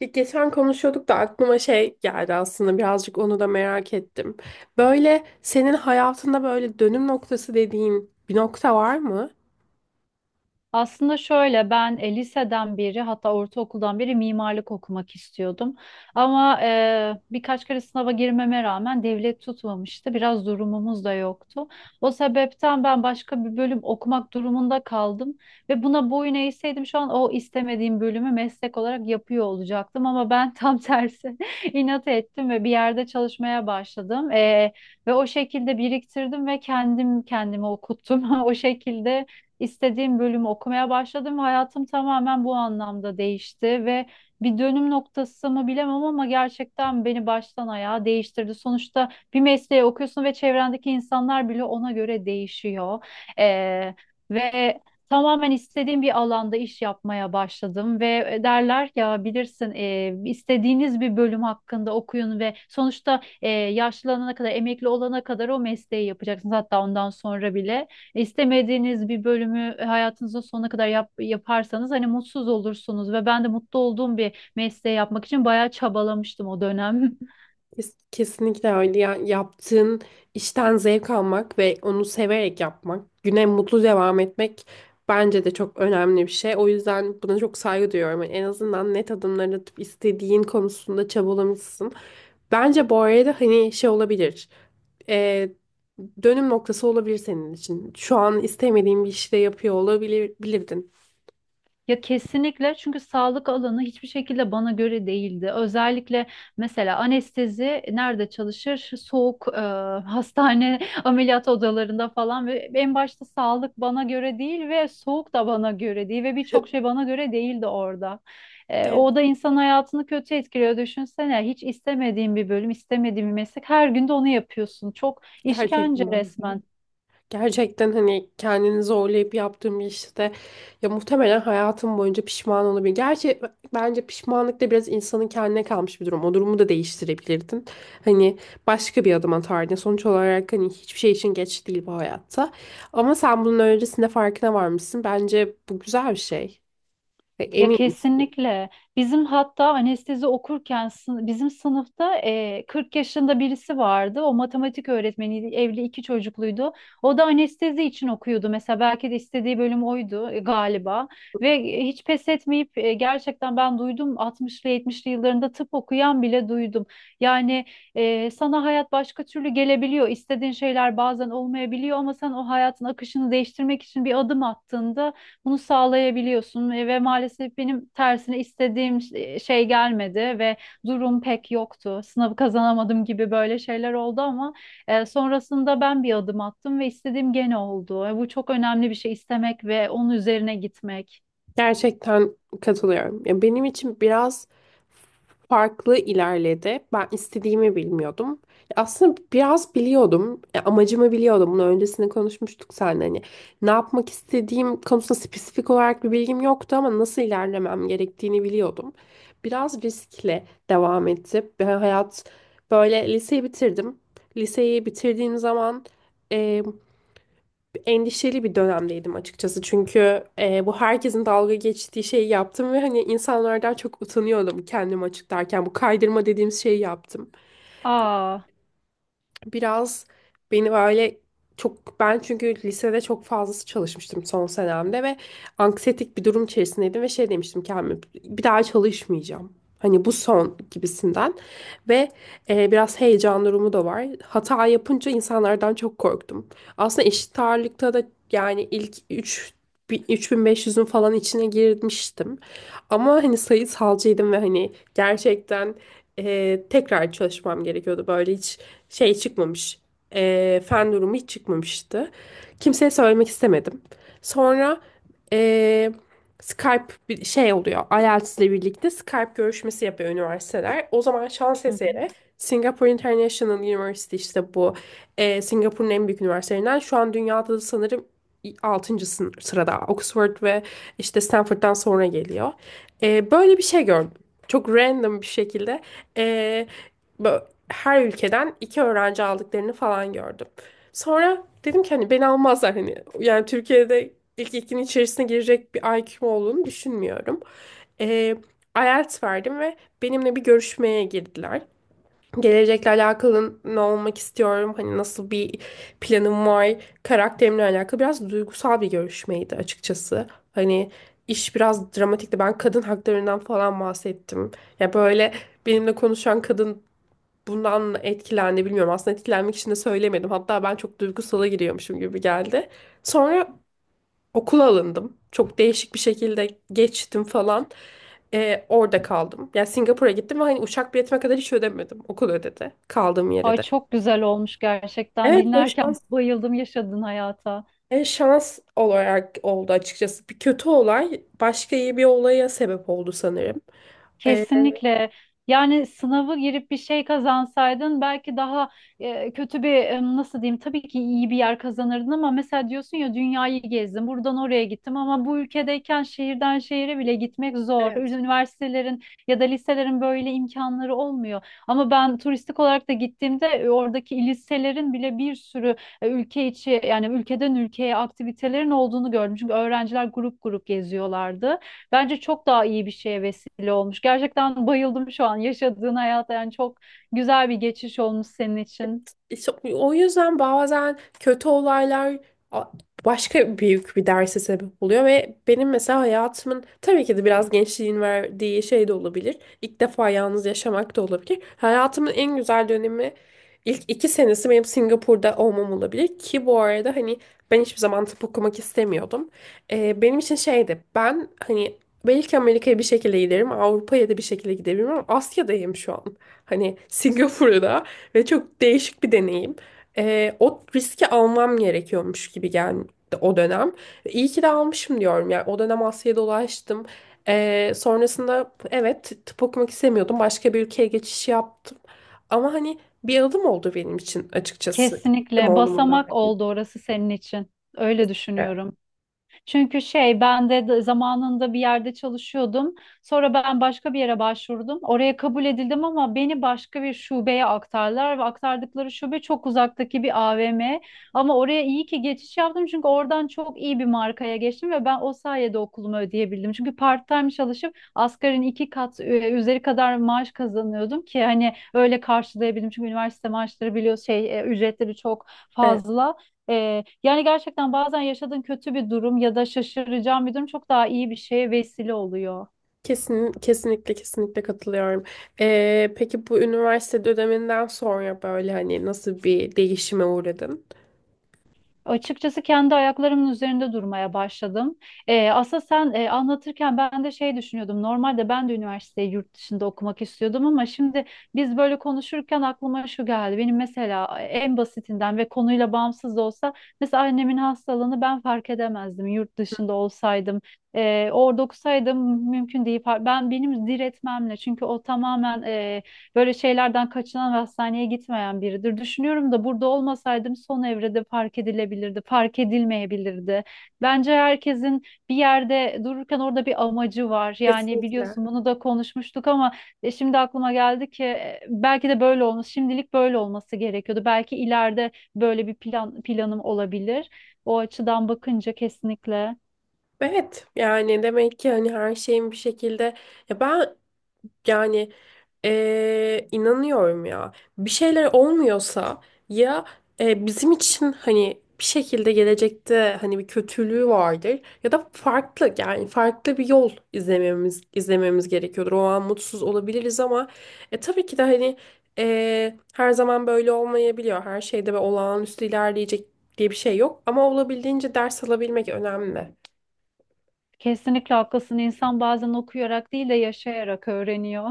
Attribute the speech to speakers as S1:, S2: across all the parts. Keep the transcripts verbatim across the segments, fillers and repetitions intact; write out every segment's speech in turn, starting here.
S1: Ya, geçen konuşuyorduk da aklıma şey geldi aslında birazcık onu da merak ettim. Böyle senin hayatında böyle dönüm noktası dediğin bir nokta var mı?
S2: Aslında şöyle ben e, liseden beri hatta ortaokuldan beri mimarlık okumak istiyordum. Ama e, birkaç kere sınava girmeme rağmen devlet tutmamıştı. Biraz durumumuz da yoktu. O sebepten ben başka bir bölüm okumak durumunda kaldım. Ve buna boyun eğseydim şu an o istemediğim bölümü meslek olarak yapıyor olacaktım. Ama ben tam tersi inat ettim ve bir yerde çalışmaya başladım. E, ve o şekilde biriktirdim ve kendim kendime okuttum. O şekilde istediğim bölümü okumaya başladım ve hayatım tamamen bu anlamda değişti ve bir dönüm noktası mı bilemem ama gerçekten beni baştan ayağa değiştirdi. Sonuçta bir mesleği okuyorsun ve çevrendeki insanlar bile ona göre değişiyor. Ee, Ve tamamen istediğim bir alanda iş yapmaya başladım ve e, derler ya, bilirsin, e, istediğiniz bir bölüm hakkında okuyun ve sonuçta, e, yaşlanana kadar, emekli olana kadar o mesleği yapacaksınız, hatta ondan sonra bile. İstemediğiniz bir bölümü hayatınızın sonuna kadar yap- yaparsanız hani mutsuz olursunuz ve ben de mutlu olduğum bir mesleği yapmak için bayağı çabalamıştım o dönem.
S1: Kes- Kesinlikle öyle. Yani yaptığın işten zevk almak ve onu severek yapmak, güne mutlu devam etmek bence de çok önemli bir şey. O yüzden buna çok saygı duyuyorum. Yani en azından net adımlar atıp istediğin konusunda çabalamışsın. Bence bu arada hani şey olabilir. e, Dönüm noktası olabilir senin için. Şu an istemediğin bir işi de yapıyor olabilir, bilirdin.
S2: Ya kesinlikle, çünkü sağlık alanı hiçbir şekilde bana göre değildi. Özellikle mesela anestezi nerede çalışır? Soğuk, e, hastane ameliyat odalarında falan ve en başta sağlık bana göre değil ve soğuk da bana göre değil ve birçok şey bana göre değildi orada. E,
S1: Evet,
S2: o da insan hayatını kötü etkiliyor. Düşünsene, hiç istemediğin bir bölüm, istemediğin bir meslek. Her gün de onu yapıyorsun. Çok
S1: gerçekten
S2: işkence
S1: öyle.
S2: resmen.
S1: Gerçekten hani kendini zorlayıp yaptığım bir işte ya muhtemelen hayatım boyunca pişman olabilir. Gerçi e, bence pişmanlık da biraz insanın kendine kalmış bir durum. O durumu da değiştirebilirdin. Hani başka bir adım atardın. Sonuç olarak hani hiçbir şey için geç değil bu hayatta. Ama sen bunun öncesinde farkına varmışsın. Bence bu güzel bir şey. Ve
S2: Ya
S1: eminim.
S2: kesinlikle. Bizim hatta anestezi okurken sın- bizim sınıfta e, kırk yaşında birisi vardı. O matematik öğretmeniydi. Evli iki çocukluydu. O da anestezi için okuyordu. Mesela belki de istediği bölüm oydu, e, galiba. Ve e, hiç pes etmeyip e, gerçekten ben duydum, altmışlı yetmişli yıllarında tıp okuyan bile duydum. Yani e, sana hayat başka türlü gelebiliyor. İstediğin şeyler bazen olmayabiliyor ama sen o hayatın akışını değiştirmek için bir adım attığında bunu sağlayabiliyorsun ve ve maalesef benim tersine istediğim ş- e, şey gelmedi ve durum pek yoktu. Sınavı kazanamadım gibi böyle şeyler oldu ama e, sonrasında ben bir adım attım ve istediğim gene oldu. E, bu çok önemli bir şey, istemek ve onun üzerine gitmek.
S1: Gerçekten katılıyorum. Ya benim için biraz farklı ilerledi. Ben istediğimi bilmiyordum. Ya, aslında biraz biliyordum. Ya, amacımı biliyordum. Bunu öncesinde konuşmuştuk seninle. Hani ne yapmak istediğim konusunda spesifik olarak bir bilgim yoktu ama nasıl ilerlemem gerektiğini biliyordum. Biraz riskle devam etti. Ve hayat böyle liseyi bitirdim. Liseyi bitirdiğim zaman endişeli bir dönemdeydim açıkçası. Çünkü e, bu herkesin dalga geçtiği şeyi yaptım ve hani insanlardan çok utanıyordum kendimi açıklarken. Bu kaydırma dediğimiz şeyi yaptım.
S2: Aa.
S1: Biraz beni böyle çok ben çünkü lisede çok fazlası çalışmıştım son senemde ve anksiyetik bir durum içerisindeydim ve şey demiştim kendime, bir daha çalışmayacağım. Hani bu son gibisinden. Ve e, biraz heyecan durumu da var. Hata yapınca insanlardan çok korktum. Aslında eşit ağırlıkta da yani ilk üç üç bin beş yüzün falan içine girmiştim. Ama hani sayısalcıydım ve hani gerçekten e, tekrar çalışmam gerekiyordu. Böyle hiç şey çıkmamış. E, fen durumu hiç çıkmamıştı. Kimseye söylemek istemedim. Sonra eee, Skype bir şey oluyor. aytıls ile birlikte Skype görüşmesi yapıyor üniversiteler. O zaman şans
S2: Hı hı.
S1: eseri Singapore International University işte bu e, Singapur'un en büyük üniversitelerinden şu an dünyada da sanırım altıncı sırada. Oxford ve işte Stanford'dan sonra geliyor. E, böyle bir şey gördüm. Çok random bir şekilde e, bö- her ülkeden iki öğrenci aldıklarını falan gördüm. Sonra dedim ki hani beni almazlar hani. Yani Türkiye'de ilk ikinin içerisine girecek bir I Q'm olduğunu düşünmüyorum. Ee, aytıls verdim ve benimle bir görüşmeye girdiler. Gelecekle alakalı ne olmak istiyorum, hani nasıl bir planım var, karakterimle alakalı biraz duygusal bir görüşmeydi açıkçası. Hani iş biraz dramatikti. Ben kadın haklarından falan bahsettim. Ya böyle benimle konuşan kadın bundan etkilendi bilmiyorum. Aslında etkilenmek için de söylemedim. Hatta ben çok duygusala giriyormuşum gibi geldi. Sonra okula alındım. Çok değişik bir şekilde geçtim falan. Ee, orada kaldım. Yani Singapur'a gittim ve hani uçak biletime kadar hiç ödemedim. Okul ödedi. Kaldığım yere
S2: Ay,
S1: de.
S2: çok güzel olmuş gerçekten.
S1: Evet o
S2: Dinlerken
S1: şans.
S2: bayıldım yaşadığın hayata.
S1: E, şans olarak oldu açıkçası. Bir kötü olay başka iyi bir olaya sebep oldu sanırım. Ee,
S2: Kesinlikle. Yani sınavı girip bir şey kazansaydın belki daha e, kötü bir, e, nasıl diyeyim, tabii ki iyi bir yer kazanırdın, ama mesela diyorsun ya, dünyayı gezdim, buradan oraya gittim, ama bu ülkedeyken şehirden şehire bile gitmek zor.
S1: evet.
S2: Üniversitelerin ya da liselerin böyle imkanları olmuyor. Ama ben turistik olarak da gittiğimde e, oradaki liselerin bile bir sürü e, ülke içi, yani ülkeden ülkeye aktivitelerin olduğunu gördüm. Çünkü öğrenciler grup grup geziyorlardı. Bence çok daha iyi bir şeye vesile olmuş. Gerçekten bayıldım şu an yaşadığın hayata. Yani çok güzel bir geçiş olmuş senin için.
S1: İşte o yüzden bazen kötü olaylar a- başka büyük bir derse sebep oluyor ve benim mesela hayatımın tabii ki de biraz gençliğin verdiği şey de olabilir. İlk defa yalnız yaşamak da olabilir. Hayatımın en güzel dönemi ilk iki senesi benim Singapur'da olmam olabilir ki bu arada hani ben hiçbir zaman tıp okumak istemiyordum. Ee, benim için şeydi, ben hani belki Amerika'ya bir şekilde giderim, Avrupa'ya da bir şekilde gidebilirim ama Asya'dayım şu an. Hani Singapur'da. Ve çok değişik bir deneyim. Ee, o riski almam gerekiyormuş gibi geldi o dönem. İyi ki de almışım diyorum. Yani o dönem Asya'ya dolaştım. Ee, sonrasında evet tıp okumak istemiyordum. Başka bir ülkeye geçiş yaptım. Ama hani bir adım oldu benim için açıkçası. Kim
S2: Kesinlikle
S1: olduğuma
S2: basamak
S1: dair.
S2: oldu orası senin için. Öyle düşünüyorum. Çünkü şey, ben de de zamanında bir yerde çalışıyordum. Sonra ben başka bir yere başvurdum. Oraya kabul edildim ama beni başka bir şubeye aktardılar ve aktardıkları şube çok uzaktaki bir A V M. Ama oraya iyi ki geçiş yaptım çünkü oradan çok iyi bir markaya geçtim ve ben o sayede okulumu ödeyebildim. Çünkü part-time çalışıp asgarin iki kat e, üzeri kadar maaş kazanıyordum ki hani öyle karşılayabildim. Çünkü üniversite maaşları biliyorsun, şey, e, ücretleri çok
S1: Evet,
S2: fazla. Ee, yani gerçekten bazen yaşadığın kötü bir durum ya da şaşıracağın bir durum çok daha iyi bir şeye vesile oluyor.
S1: kesin, kesinlikle kesinlikle katılıyorum. Ee, peki bu üniversite döneminden sonra böyle hani nasıl bir değişime uğradın?
S2: Açıkçası kendi ayaklarımın üzerinde durmaya başladım. Ee, aslında sen e, anlatırken ben de şey düşünüyordum. Normalde ben de üniversiteyi yurt dışında okumak istiyordum ama şimdi biz böyle konuşurken aklıma şu geldi. Benim mesela en basitinden ve konuyla bağımsız da olsa mesela annemin hastalığını ben fark edemezdim yurt dışında olsaydım. Ee, orada okusaydım mümkün değil. Far- Ben benim diretmemle, çünkü o tamamen, e, böyle şeylerden kaçınan ve hastaneye gitmeyen biridir. Düşünüyorum da burada olmasaydım son evrede fark edilebilirdi, fark edilmeyebilirdi. Bence herkesin bir yerde dururken orada bir amacı var. Yani
S1: Kesinlikle.
S2: biliyorsun bunu da konuşmuştuk ama e, şimdi aklıma geldi ki e, belki de böyle olmuş. Şimdilik böyle olması gerekiyordu. Belki ileride böyle bir plan planım olabilir. O açıdan bakınca kesinlikle
S1: Evet, yani demek ki hani her şeyin bir şekilde, ya ben, yani eee, inanıyorum ya. Bir şeyler olmuyorsa ya eee, bizim için hani bir şekilde gelecekte hani bir kötülüğü vardır ya da farklı yani farklı bir yol izlememiz izlememiz gerekiyordur. O an mutsuz olabiliriz ama e, tabii ki de hani eee, her zaman böyle olmayabiliyor. Her şeyde ve olağanüstü ilerleyecek diye bir şey yok ama olabildiğince ders alabilmek önemli.
S2: kesinlikle haklısın. İnsan bazen okuyarak değil de yaşayarak öğreniyor.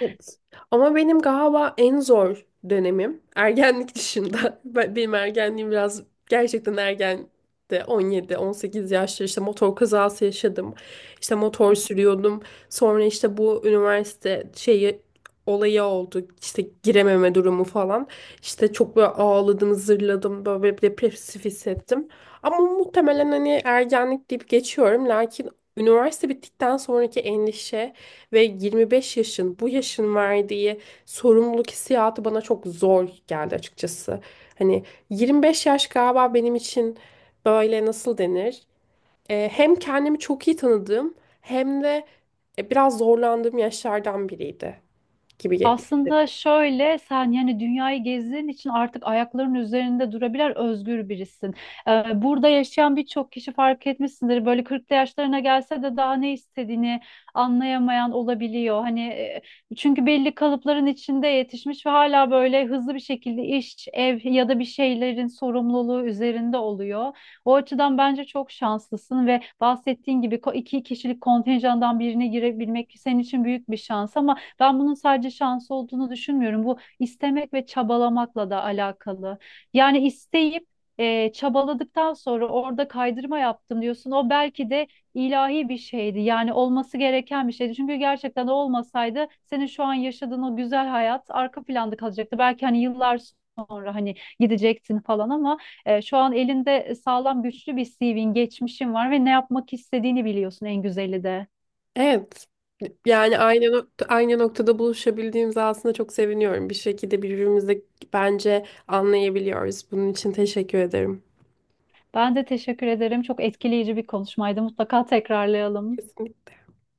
S1: Evet. Ama benim galiba en zor dönemim ergenlik dışında. Ben- Benim ergenliğim biraz gerçekten ergen de on yedi on sekiz yaşta işte motor kazası yaşadım. İşte motor sürüyordum. Sonra işte bu üniversite şeyi olayı oldu. İşte girememe durumu falan. İşte çok böyle ağladım, zırladım, böyle bir depresif hissettim. Ama muhtemelen hani ergenlik deyip geçiyorum. Lakin üniversite bittikten sonraki endişe ve yirmi beş yaşın bu yaşın verdiği sorumluluk hissiyatı bana çok zor geldi açıkçası. Hani yirmi beş yaş galiba benim için böyle nasıl denir? Ee, hem kendimi çok iyi tanıdığım hem de e, biraz zorlandığım yaşlardan biriydi gibi. ge-
S2: Aslında şöyle, sen yani dünyayı gezdiğin için artık ayaklarının üzerinde durabilen özgür birisin. Ee, burada yaşayan birçok kişi fark etmişsindir. Böyle kırklı yaşlarına gelse de daha ne istediğini anlayamayan olabiliyor. Hani, e, çünkü belli kalıpların içinde yetişmiş ve hala böyle hızlı bir şekilde iş, ev ya da bir şeylerin sorumluluğu üzerinde oluyor. O açıdan bence çok şanslısın ve bahsettiğin gibi ko- iki kişilik kontenjandan birine girebilmek senin için büyük bir şans, ama ben bunun sadece şans olduğunu düşünmüyorum. Bu istemek ve çabalamakla da alakalı. Yani isteyip e, çabaladıktan sonra orada kaydırma yaptım diyorsun. O belki de ilahi bir şeydi. Yani olması gereken bir şeydi. Çünkü gerçekten o olmasaydı senin şu an yaşadığın o güzel hayat arka planda kalacaktı. Belki hani yıllar sonra hani gidecektin falan ama e, şu an elinde sağlam güçlü bir C V'in, geçmişin var ve ne yapmak istediğini biliyorsun, en güzeli de.
S1: Evet. Yani aynı nokta, aynı noktada buluşabildiğimize aslında çok seviniyorum. Bir şekilde birbirimizi bence anlayabiliyoruz. Bunun için teşekkür ederim.
S2: Ben de teşekkür ederim. Çok etkileyici bir konuşmaydı. Mutlaka tekrarlayalım.
S1: Kesinlikle.